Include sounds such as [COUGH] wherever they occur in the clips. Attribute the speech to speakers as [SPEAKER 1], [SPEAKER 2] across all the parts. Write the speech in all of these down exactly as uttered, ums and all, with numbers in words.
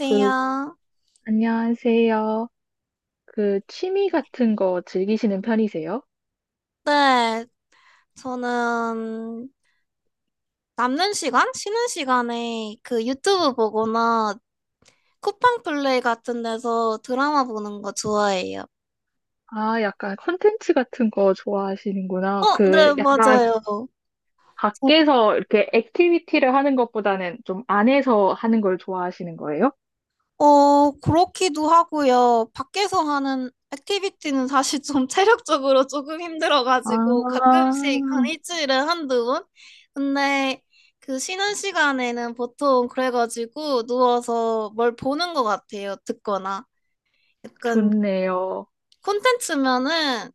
[SPEAKER 1] 그, 안녕하세요. 그, 취미 같은 거 즐기시는 편이세요?
[SPEAKER 2] 네, 저는 남는 시간? 쉬는 시간에 그 유튜브 보거나 쿠팡 플레이 같은 데서 드라마 보는 거 좋아해요.
[SPEAKER 1] 아, 약간 컨텐츠 같은 거 좋아하시는구나.
[SPEAKER 2] 어, 네,
[SPEAKER 1] 그,
[SPEAKER 2] 음,
[SPEAKER 1] 약간
[SPEAKER 2] 맞아요.
[SPEAKER 1] 밖에서 이렇게 액티비티를 하는 것보다는 좀 안에서 하는 걸 좋아하시는 거예요?
[SPEAKER 2] 어, 그렇기도 하고요. 밖에서 하는 액티비티는 사실 좀 [LAUGHS] 체력적으로 조금 힘들어가지고
[SPEAKER 1] 아,
[SPEAKER 2] 가끔씩 한 일주일에 한두 번? 근데 그 쉬는 시간에는 보통 그래가지고 누워서 뭘 보는 것 같아요. 듣거나. 약간
[SPEAKER 1] 좋네요.
[SPEAKER 2] 콘텐츠면은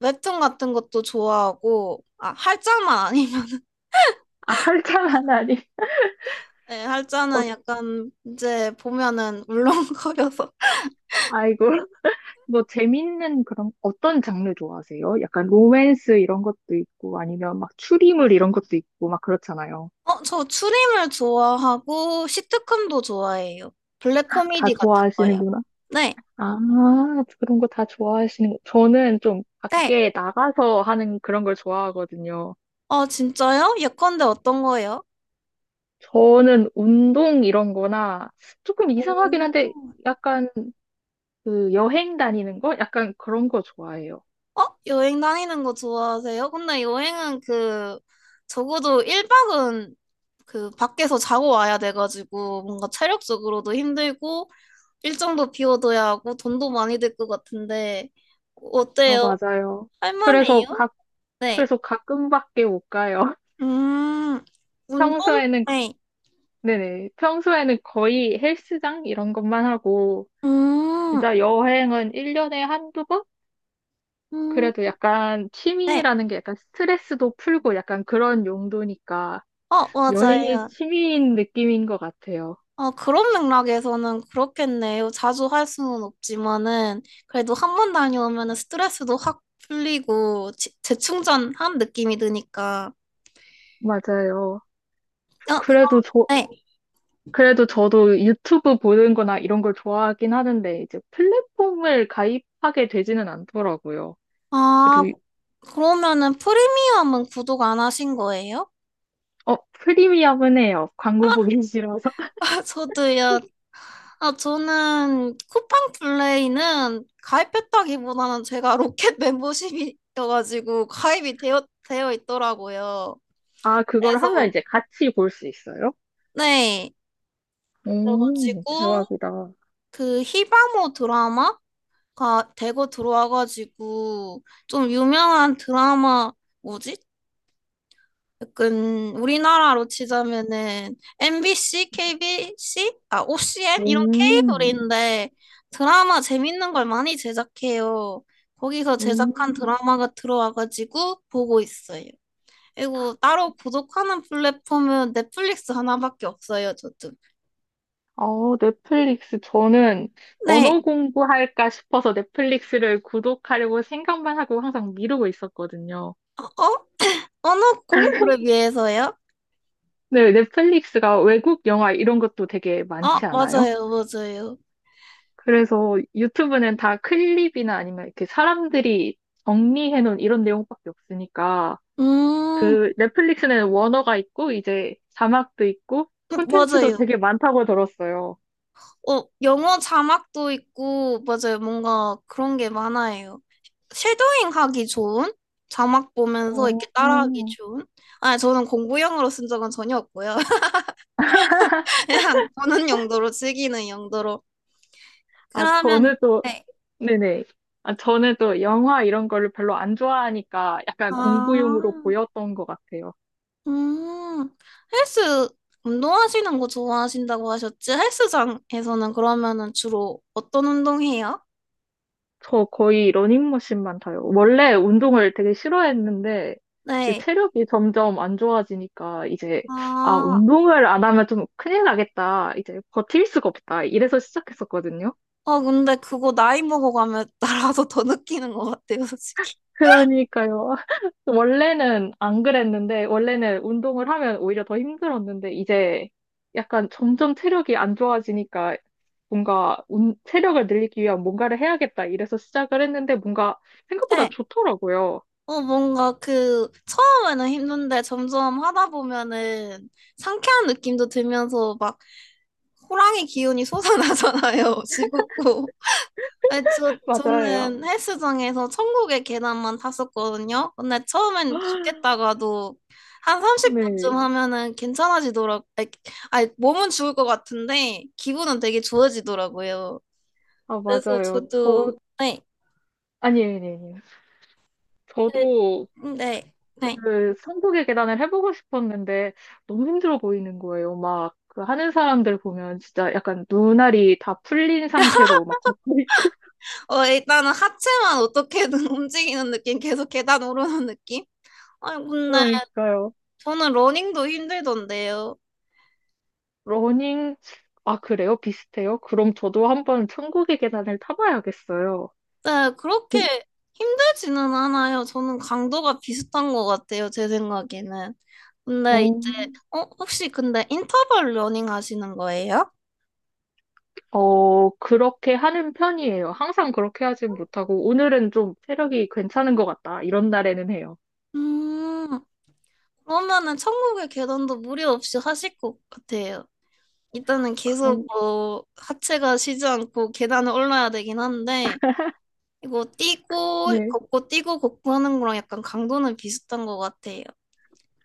[SPEAKER 2] 웹툰 같은 것도 좋아하고 아 할자만 아니면
[SPEAKER 1] 아, [LAUGHS] 활짝한 아니.
[SPEAKER 2] [LAUGHS] 네,
[SPEAKER 1] 어,
[SPEAKER 2] 할자는 약간 이제 보면은 울렁거려서 [LAUGHS]
[SPEAKER 1] 아이고. 뭐, 재밌는 그런, 어떤 장르 좋아하세요? 약간 로맨스 이런 것도 있고, 아니면 막 추리물 이런 것도 있고, 막 그렇잖아요.
[SPEAKER 2] 어 저 추림을 좋아하고 시트콤도 좋아해요 블랙
[SPEAKER 1] 다
[SPEAKER 2] 코미디 같은 거요
[SPEAKER 1] 좋아하시는구나.
[SPEAKER 2] 네
[SPEAKER 1] 아, 그런 거 다 좋아하시는 거. 저는 좀
[SPEAKER 2] 네
[SPEAKER 1] 밖에 나가서 하는 그런 걸 좋아하거든요.
[SPEAKER 2] 어 진짜요 예컨대 어떤 거예요?
[SPEAKER 1] 저는 운동 이런 거나 조금 이상하긴
[SPEAKER 2] 오.
[SPEAKER 1] 한데 약간 그 여행 다니는 거? 약간 그런 거 좋아해요.
[SPEAKER 2] 어? 여행 다니는 거 좋아하세요? 근데 여행은 그, 적어도 일 박은 그, 밖에서 자고 와야 돼가지고, 뭔가 체력적으로도 힘들고, 일정도 비워둬야 하고, 돈도 많이 들 것 같은데,
[SPEAKER 1] 아,
[SPEAKER 2] 어때요?
[SPEAKER 1] 맞아요. 그래서
[SPEAKER 2] 할만해요?
[SPEAKER 1] 가,
[SPEAKER 2] 네.
[SPEAKER 1] 그래서 가끔밖에 못 가요. [LAUGHS]
[SPEAKER 2] 음, 운동?
[SPEAKER 1] 평소에는, 거-
[SPEAKER 2] 네.
[SPEAKER 1] 네네. 평소에는 거의 헬스장 이런 것만 하고
[SPEAKER 2] 음,
[SPEAKER 1] 진짜 여행은 일 년에 한두 번?
[SPEAKER 2] 음,
[SPEAKER 1] 그래도 약간
[SPEAKER 2] 네.
[SPEAKER 1] 취미라는 게 약간 스트레스도 풀고 약간 그런 용도니까
[SPEAKER 2] 어, 음.
[SPEAKER 1] 여행이
[SPEAKER 2] 맞아요.
[SPEAKER 1] 취미인 느낌인 것 같아요.
[SPEAKER 2] 어, 그런 맥락에서는 그렇겠네요. 자주 할 수는 없지만은, 그래도 한 번 다녀오면은 스트레스도 확 풀리고, 지- 재충전한 느낌이 드니까.
[SPEAKER 1] 맞아요.
[SPEAKER 2] 어,
[SPEAKER 1] 그래도 저,
[SPEAKER 2] 네.
[SPEAKER 1] 그래도 저도 유튜브 보는 거나 이런 걸 좋아하긴 하는데 이제 플랫폼을 가입하게 되지는 않더라고요.
[SPEAKER 2] 아,
[SPEAKER 1] 그래도, 이-
[SPEAKER 2] 그러면은 프리미엄은 구독 안 하신 거예요?
[SPEAKER 1] 어, 프리미엄은 해요. 광고 보기 싫어서.
[SPEAKER 2] [LAUGHS]
[SPEAKER 1] [LAUGHS]
[SPEAKER 2] 아, 저도요. 아, 저는 쿠팡 플레이는 가입했다기보다는 제가 로켓 [LAUGHS] 멤버십이어가지고 가입이 되어, 되어 있더라고요.
[SPEAKER 1] 아, 그걸 하면
[SPEAKER 2] 그래서,
[SPEAKER 1] 이제 같이 볼 수 있어요?
[SPEAKER 2] 네.
[SPEAKER 1] 오,
[SPEAKER 2] 그래가지고,
[SPEAKER 1] 대박이다.
[SPEAKER 2] 그 히바모 드라마가 대거 들어와가지고 좀 유명한 드라마 뭐지? 약간 우리나라로 치자면은 엠비씨, 케이비씨, 아 오씨엔 이런
[SPEAKER 1] 오,
[SPEAKER 2] 케이블인데 드라마 재밌는 걸 많이 제작해요. 거기서 제작한
[SPEAKER 1] 오.
[SPEAKER 2] 드라마가 들어와가지고 보고 있어요. 그리고 따로 구독하는 플랫폼은 넷플릭스 하나밖에 없어요, 저도.
[SPEAKER 1] 어, 넷플릭스. 저는
[SPEAKER 2] 네,
[SPEAKER 1] 언어 공부할까 싶어서 넷플릭스를 구독하려고 생각만 하고 항상 미루고 있었거든요.
[SPEAKER 2] 어? 언어 공부를 위해서요?
[SPEAKER 1] 네, 넷플릭스가 외국 영화 이런 것도 되게
[SPEAKER 2] 아,
[SPEAKER 1] 많지 않아요?
[SPEAKER 2] 맞아요, 맞아요.
[SPEAKER 1] 그래서 유튜브는 다 클립이나 아니면 이렇게 사람들이 정리해 놓은 이런 내용밖에 없으니까
[SPEAKER 2] 음,
[SPEAKER 1] 그 넷플릭스는 원어가 있고 이제 자막도 있고
[SPEAKER 2] 음,
[SPEAKER 1] 콘텐츠도
[SPEAKER 2] 맞아요.
[SPEAKER 1] 되게 많다고 들었어요.
[SPEAKER 2] 어, 영어 자막도 있고, 맞아요. 뭔가 그런 게 많아요. 쉐도잉 하기 좋은? 자막 보면서 이렇게 따라하기
[SPEAKER 1] 어,
[SPEAKER 2] 좋은? 아, 저는 공부용으로 쓴 적은 전혀 없고요. [LAUGHS] 그냥 보는 용도로, 즐기는 용도로.
[SPEAKER 1] 아,
[SPEAKER 2] 그러면,
[SPEAKER 1] 저는 또
[SPEAKER 2] 네.
[SPEAKER 1] 네네. 아, 저는 또 영화 이런 거를 별로 안 좋아하니까 약간
[SPEAKER 2] 아,
[SPEAKER 1] 공부용으로 보였던 것 같아요.
[SPEAKER 2] 음, 헬스, 운동하시는 거 좋아하신다고 하셨지? 헬스장에서는 그러면은 주로 어떤 운동해요?
[SPEAKER 1] 저 거의 러닝머신만 타요. 원래 운동을 되게 싫어했는데 이제
[SPEAKER 2] 네.
[SPEAKER 1] 체력이 점점 안 좋아지니까 이제 아,
[SPEAKER 2] 아,
[SPEAKER 1] 운동을 안 하면 좀 큰일 나겠다. 이제 버틸 수가 없다. 이래서 시작했었거든요.
[SPEAKER 2] 아, 근데 그거 나이 먹어가면 [LAUGHS] 나라도 더 느끼는 것 같아요, 솔직히.
[SPEAKER 1] 그러니까요. [LAUGHS] 원래는 안 그랬는데, 원래는 운동을 하면 오히려 더 힘들었는데, 이제 약간 점점 체력이 안 좋아지니까 뭔가 운, 체력을 늘리기 위한 뭔가를 해야겠다 이래서 시작을 했는데 뭔가 생각보다
[SPEAKER 2] 네.
[SPEAKER 1] 좋더라고요.
[SPEAKER 2] 어, 뭔가 그, 처음에는 힘든데 점점 하다 보면은 상쾌한 느낌도 들면서 막 호랑이 기운이 솟아나잖아요, [LAUGHS] 지겹고. 아니, 저,
[SPEAKER 1] [LAUGHS] 맞아요.
[SPEAKER 2] 저는 헬스장에서 천국의 계단만 탔었거든요. 근데 처음엔
[SPEAKER 1] [GASPS]
[SPEAKER 2] 죽겠다가도 한
[SPEAKER 1] 네.
[SPEAKER 2] 삼십 분쯤 하면은 괜찮아지더라고. 아니, 아니, 몸은 죽을 것 같은데 기분은 되게 좋아지더라고요.
[SPEAKER 1] 아,
[SPEAKER 2] 그래서
[SPEAKER 1] 맞아요. 저,
[SPEAKER 2] 저도 네,
[SPEAKER 1] 아니, 아니, 아니.
[SPEAKER 2] 네,
[SPEAKER 1] 저도
[SPEAKER 2] 네. 네.
[SPEAKER 1] 그 천국의 계단을 해보고 싶었는데 너무 힘들어 보이는 거예요. 막 그 하는 사람들 보면 진짜 약간 눈알이 다 풀린 상태로 막 걷고 있고 [LAUGHS]
[SPEAKER 2] 어, 일단은 하체만 어떻게든 [LAUGHS] 움직이는 느낌, 계속 계단 오르는 느낌? 아니, 근데
[SPEAKER 1] 그러니까요.
[SPEAKER 2] 저는 러닝도 힘들던데요.
[SPEAKER 1] 러닝 아 그래요? 비슷해요? 그럼 저도 한번 천국의 계단을 타봐야겠어요.
[SPEAKER 2] 네, 그렇게 힘들지는 않아요. 저는 강도가 비슷한 것 같아요, 제 생각에는. 근데 이제,
[SPEAKER 1] 어,
[SPEAKER 2] 어, 혹시 근데 인터벌 러닝 하시는 거예요?
[SPEAKER 1] 어, 그렇게 하는 편이에요. 항상 그렇게 하진 못하고, 오늘은 좀 체력이 괜찮은 것 같다. 이런 날에는 해요.
[SPEAKER 2] 음, 그러면은 천국의 계단도 무리 없이 하실 것 같아요. 일단은 계속
[SPEAKER 1] 그럼,
[SPEAKER 2] 뭐 하체가 쉬지 않고 계단을 올라야 되긴 한데 이거 뛰고
[SPEAKER 1] 네.
[SPEAKER 2] 걷고 뛰고 걷고 하는 거랑 약간 강도는 비슷한 것 같아요.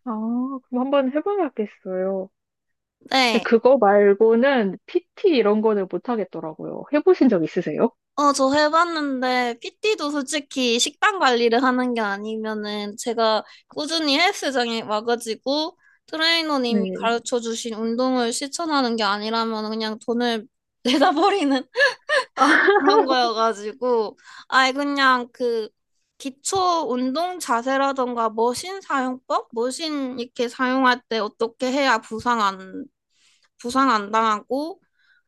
[SPEAKER 1] 아, 그럼 한번 해봐야겠어요. 근데
[SPEAKER 2] 네.
[SPEAKER 1] 그거 말고는 피티 이런 거는 못 하겠더라고요. 해보신 적 있으세요?
[SPEAKER 2] 어, 저 해봤는데 피티도 솔직히 식단 관리를 하는 게 아니면은 제가 꾸준히 헬스장에 와가지고 트레이너님이
[SPEAKER 1] 네.
[SPEAKER 2] 가르쳐 주신 운동을 실천하는 게 아니라면 그냥 돈을 [LAUGHS] 내다 버리는
[SPEAKER 1] 아,
[SPEAKER 2] 그런 거여가지고 아예 그냥 그 기초 운동 자세라던가 머신 사용법, 머신 이렇게 사용할 때 어떻게 해야 부상 안 부상 안 당하고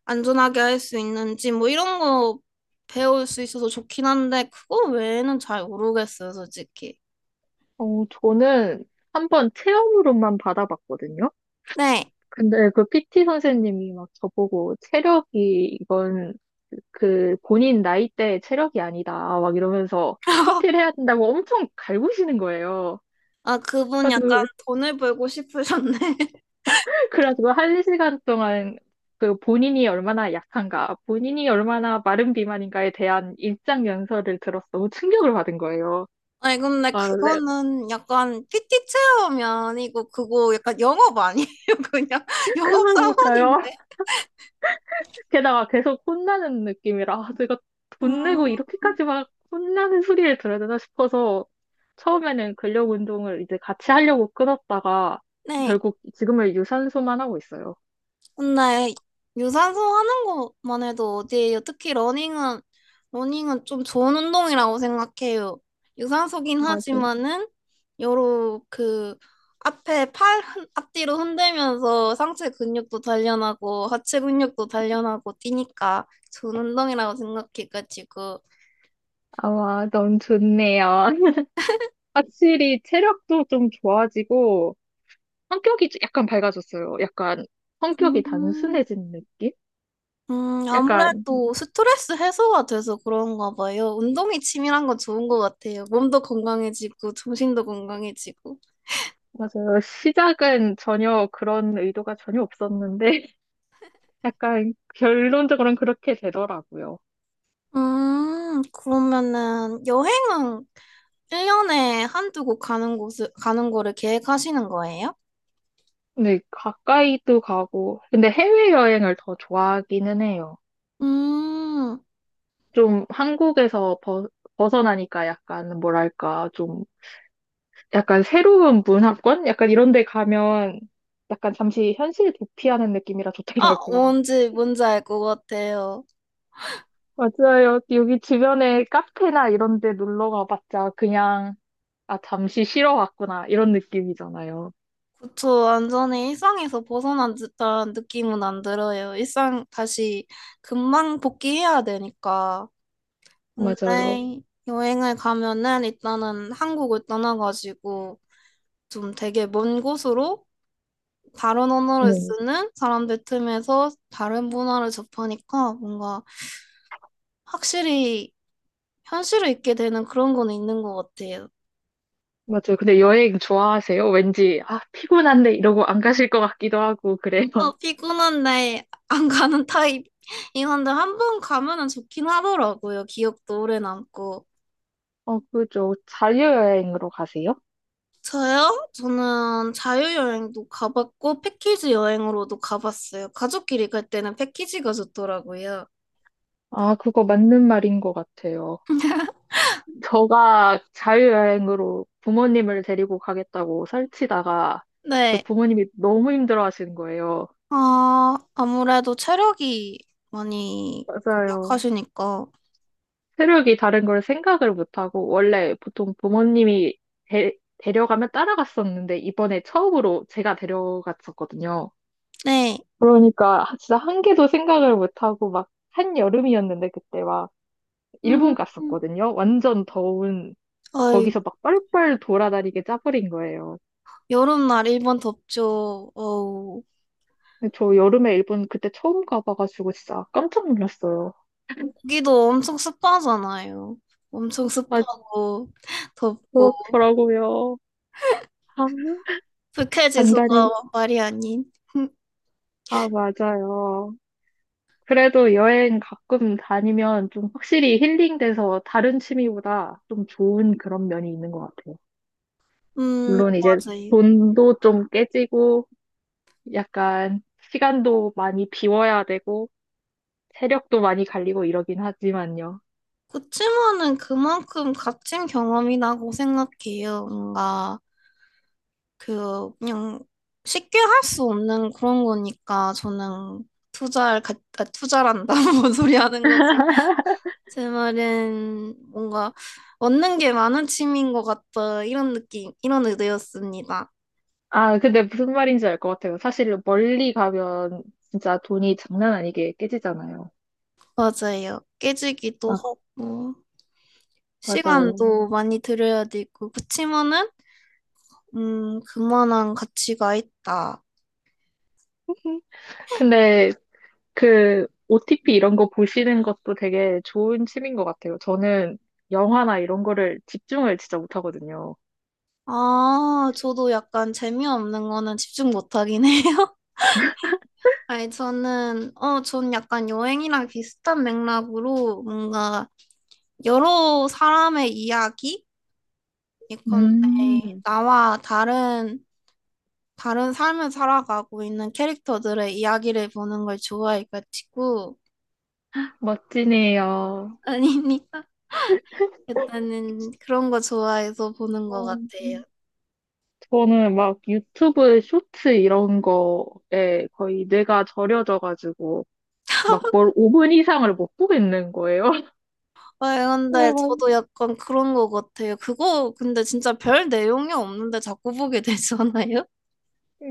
[SPEAKER 2] 안전하게 할 수 있는지 뭐 이런 거 배울 수 있어서 좋긴 한데 그거 외에는 잘 모르겠어요, 솔직히.
[SPEAKER 1] 어, 저는 한 번 체험으로만 받아봤거든요.
[SPEAKER 2] 네.
[SPEAKER 1] 근데 그 피티 선생님이 막 저보고 체력이 이건 그 본인 나이대의 체력이 아니다 막 이러면서 피티를
[SPEAKER 2] [LAUGHS]
[SPEAKER 1] 해야 된다고 엄청 갈구시는 거예요.
[SPEAKER 2] 아, 그분 약간
[SPEAKER 1] 그래서
[SPEAKER 2] 돈을 벌고 싶으셨네.
[SPEAKER 1] 그래가지고 한 시간 동안 그 본인이 얼마나 약한가, 본인이 얼마나 마른 비만인가에 대한 일장 연설을 들어서 너무 충격을 받은 거예요.
[SPEAKER 2] 아니 근데
[SPEAKER 1] 아, 네.
[SPEAKER 2] 그거는 약간 피티 체험이 아니고 그거 약간 영업 아니에요? [LAUGHS] 그냥 영업
[SPEAKER 1] 그러니까요.
[SPEAKER 2] 사원인데.
[SPEAKER 1] [LAUGHS] 게다가 계속 혼나는 느낌이라, 아, 내가 돈 내고
[SPEAKER 2] 음,
[SPEAKER 1] 이렇게까지 막 혼나는 소리를 들어야 되나 싶어서 처음에는 근력 운동을 이제 같이 하려고 끊었다가
[SPEAKER 2] 네.
[SPEAKER 1] 결국 지금은 유산소만 하고 있어요.
[SPEAKER 2] 근데 유산소 하는 것만 해도 어디예요? 특히 러닝은 러닝은 좀 좋은 운동이라고 생각해요. 유산소긴
[SPEAKER 1] 맞아요.
[SPEAKER 2] 하지만은 여러 그 앞에 팔 흔- 앞뒤로 흔들면서 상체 근육도 단련하고 하체 근육도 단련하고 뛰니까 좋은 운동이라고 생각해가지고.
[SPEAKER 1] 아, 와, 너무 좋네요. [LAUGHS] 확실히 체력도 좀 좋아지고, 성격이 약간 밝아졌어요. 약간 성격이
[SPEAKER 2] 음,
[SPEAKER 1] 단순해진 느낌?
[SPEAKER 2] 음,
[SPEAKER 1] 약간,
[SPEAKER 2] 아무래도 스트레스 해소가 돼서 그런가 봐요. 운동이 치밀한 건 좋은 것 같아요. 몸도 건강해지고, 정신도 건강해지고.
[SPEAKER 1] 맞아요. 시작은 전혀 그런 의도가 전혀 없었는데, [LAUGHS] 약간 결론적으로는 그렇게 되더라고요.
[SPEAKER 2] 음, 그러면은 여행은 일 년에 한두 곳 가는 곳을, 가는 거를 계획하시는 거예요?
[SPEAKER 1] 근데 가까이도 가고, 근데 해외여행을 더 좋아하기는 해요.
[SPEAKER 2] 음,
[SPEAKER 1] 좀 한국에서 벗, 벗어나니까 약간 뭐랄까, 좀 약간 새로운 문화권? 약간 이런 데 가면 약간 잠시 현실 도피하는 느낌이라
[SPEAKER 2] 아,
[SPEAKER 1] 좋더라고요.
[SPEAKER 2] 뭔지, 뭔지 알 것 같아요.
[SPEAKER 1] 맞아요. 여기 주변에 카페나 이런 데 놀러 가봤자 그냥, 아, 잠시 쉬러 왔구나. 이런 느낌이잖아요.
[SPEAKER 2] 그쵸, 완전히 일상에서 벗어난 듯한 느낌은 안 들어요. 일상 다시 금방 복귀해야 되니까.
[SPEAKER 1] 맞아요.
[SPEAKER 2] 근데 여행을 가면은 일단은 한국을 떠나가지고 좀 되게 먼 곳으로 다른 언어를
[SPEAKER 1] 네.
[SPEAKER 2] 쓰는 사람들 틈에서 다른 문화를 접하니까 뭔가 확실히 현실을 잊게 되는 그런 건 있는 것 같아요.
[SPEAKER 1] 맞아요. 근데 여행 좋아하세요? 왠지, 아, 피곤한데 이러고 안 가실 것 같기도 하고, 그래요.
[SPEAKER 2] 어,
[SPEAKER 1] [LAUGHS]
[SPEAKER 2] 피곤한데 안 가는 타입. 이건데 한 번 가면은 좋긴 하더라고요. 기억도 오래 남고.
[SPEAKER 1] 어, 그죠. 자유여행으로 가세요?
[SPEAKER 2] 저요? 저는 자유여행도 가봤고, 패키지 여행으로도 가봤어요. 가족끼리 갈 때는 패키지가 좋더라고요.
[SPEAKER 1] 아, 그거 맞는 말인 것 같아요. 저가 자유여행으로 부모님을 데리고 가겠다고 설치다가, 또
[SPEAKER 2] 네.
[SPEAKER 1] 부모님이 너무 힘들어 하시는 거예요.
[SPEAKER 2] 아, 아무래도 체력이 많이
[SPEAKER 1] 맞아요.
[SPEAKER 2] 약하시니까.
[SPEAKER 1] 세력이 다른 걸 생각을 못하고, 원래 보통 부모님이 데, 데려가면 따라갔었는데, 이번에 처음으로 제가 데려갔었거든요.
[SPEAKER 2] 네.
[SPEAKER 1] 그러니까 진짜 한 개도 생각을 못하고, 막 한여름이었는데, 그때 막 일본
[SPEAKER 2] 음,
[SPEAKER 1] 갔었거든요. 완전 더운,
[SPEAKER 2] 아이,
[SPEAKER 1] 거기서 막 뻘뻘 돌아다니게 짜버린 거예요.
[SPEAKER 2] 여름날 일본 덥죠. 어우,
[SPEAKER 1] 근데 저 여름에 일본 그때 처음 가봐가지고 진짜 깜짝 놀랐어요.
[SPEAKER 2] 거기도 엄청 습하잖아요. 엄청
[SPEAKER 1] 아,
[SPEAKER 2] 습하고, [LAUGHS] 덥고,
[SPEAKER 1] 그렇더라고요. 아, [LAUGHS] 단
[SPEAKER 2] 불쾌지수가
[SPEAKER 1] 단히
[SPEAKER 2] 말이 아닌. [LAUGHS]
[SPEAKER 1] 아, 맞아요. 그래도 여행 가끔 다니면 좀 확실히 힐링돼서 다른 취미보다 좀 좋은 그런 면이 있는 것 같아요.
[SPEAKER 2] 음,
[SPEAKER 1] 물론 이제
[SPEAKER 2] 맞아요.
[SPEAKER 1] 돈도 좀 깨지고 약간 시간도 많이 비워야 되고 체력도 많이 갈리고 이러긴 하지만요.
[SPEAKER 2] 그치만은 그만큼 값진 경험이라고 생각해요. 뭔가 그 그냥 쉽게 할 수 없는 그런 거니까 저는 투자를 가, 아, 투자란다 [LAUGHS] 뭔 소리 하는 거지. 제 말은 뭔가 얻는 게 많은 취미인 것 같다 이런 느낌 이런 의도였습니다.
[SPEAKER 1] 아, 근데 무슨 말인지 알 것 같아요. 사실 멀리 가면 진짜 돈이 장난 아니게 깨지잖아요.
[SPEAKER 2] 맞아요. 깨지기도
[SPEAKER 1] 막,
[SPEAKER 2] 하고 음.
[SPEAKER 1] 맞아요.
[SPEAKER 2] 시간도 많이 들여야 되고 그치만은 음 그만한 가치가 있다.
[SPEAKER 1] 근데 그 오티피 이런 거 보시는 것도 되게 좋은 취미인 것 같아요. 저는 영화나 이런 거를 집중을 진짜 못하거든요.
[SPEAKER 2] 아, 저도 약간 재미없는 거는 집중 못 하긴 해요. [LAUGHS] 아니, 저는, 어, 전 약간 여행이랑 비슷한 맥락으로 뭔가 여러 사람의 이야기? 예컨대
[SPEAKER 1] 음,
[SPEAKER 2] 나와 다른, 다른 삶을 살아가고 있는 캐릭터들의 이야기를 보는 걸 좋아해가지고,
[SPEAKER 1] 멋지네요.
[SPEAKER 2] [LAUGHS] 아니니까 일단은 그런 거 좋아해서 보는 것
[SPEAKER 1] 어,
[SPEAKER 2] 같아요.
[SPEAKER 1] 저는 막 유튜브 쇼츠 이런 거에 거의 뇌가 절여져가지고 막 뭘 오 분 이상을 못 보겠는 거예요. [LAUGHS]
[SPEAKER 2] 네, 근데
[SPEAKER 1] 그래가-
[SPEAKER 2] 저도 약간 그런 거 같아요. 그거 근데 진짜 별 내용이 없는데 자꾸 보게 [LAUGHS] 되잖아요.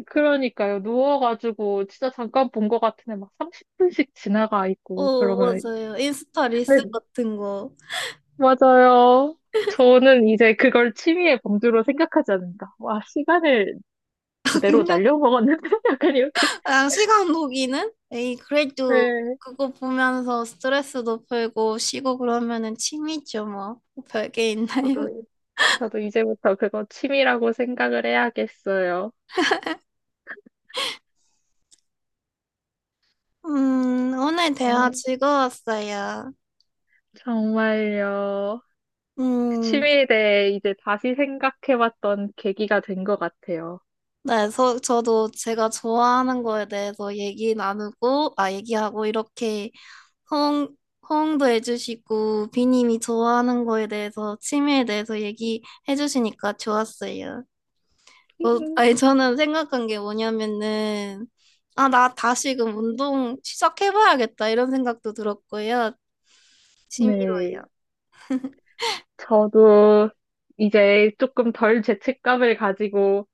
[SPEAKER 1] 그러니까요. 누워가지고 진짜 잠깐 본 것 같은데 막 삼십 분씩 지나가 있고
[SPEAKER 2] 어,
[SPEAKER 1] 그러면
[SPEAKER 2] 맞아요. 인스타 릴스 같은 거.
[SPEAKER 1] 맞아요. 저는 이제 그걸 취미의 범주로 생각하지 않는다. 와, 시간을
[SPEAKER 2] [LAUGHS]
[SPEAKER 1] 그대로
[SPEAKER 2] 그냥,
[SPEAKER 1] 날려먹었는데? [LAUGHS] 약간 이렇게.
[SPEAKER 2] 그냥 시간 녹이는? 에이, 그래도
[SPEAKER 1] 네,
[SPEAKER 2] 그거 보면서 스트레스도 풀고 쉬고 그러면은 취미죠, 뭐. 별 게 있나요?
[SPEAKER 1] 저도, 저도 이제부터 그거 취미라고 생각을 해야겠어요.
[SPEAKER 2] [LAUGHS] 음, 오늘 대화
[SPEAKER 1] 어,
[SPEAKER 2] 즐거웠어요.
[SPEAKER 1] 정말요. 그
[SPEAKER 2] 음,
[SPEAKER 1] 취미에 대해 이제 다시 생각해봤던 계기가 된 것 같아요.
[SPEAKER 2] 네, 저, 저도 제가 좋아하는 거에 대해서 얘기 나누고, 아, 얘기하고 이렇게 호응, 호응도 해주시고, 비님이 좋아하는 거에 대해서, 취미에 대해서 얘기해 주시니까 좋았어요. 어, 아니,
[SPEAKER 1] [LAUGHS]
[SPEAKER 2] 저는 생각한 게 뭐냐면은, 아, 나 다시금 운동 시작해봐야겠다, 이런 생각도 들었고요. 취미로요.
[SPEAKER 1] 네, 저도 이제 조금 덜 죄책감을 가지고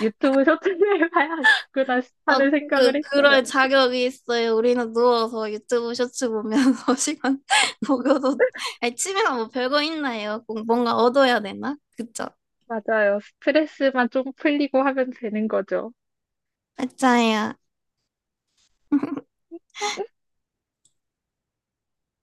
[SPEAKER 1] 유튜브 쇼츠를 [LAUGHS] 봐야겠구나
[SPEAKER 2] 어,
[SPEAKER 1] 하는 생각을
[SPEAKER 2] 그,
[SPEAKER 1] 했어요.
[SPEAKER 2] 그럴 자격이 있어요. 우리는 누워서 유튜브 쇼츠 보면서 [LAUGHS] 시간 보고도, 아니, 취미가 뭐 별거 있나요? 꼭 뭔가 얻어야 되나? 그쵸?
[SPEAKER 1] 맞아요. 스트레스만 좀 풀리고 하면 되는 거죠.
[SPEAKER 2] 맞아요.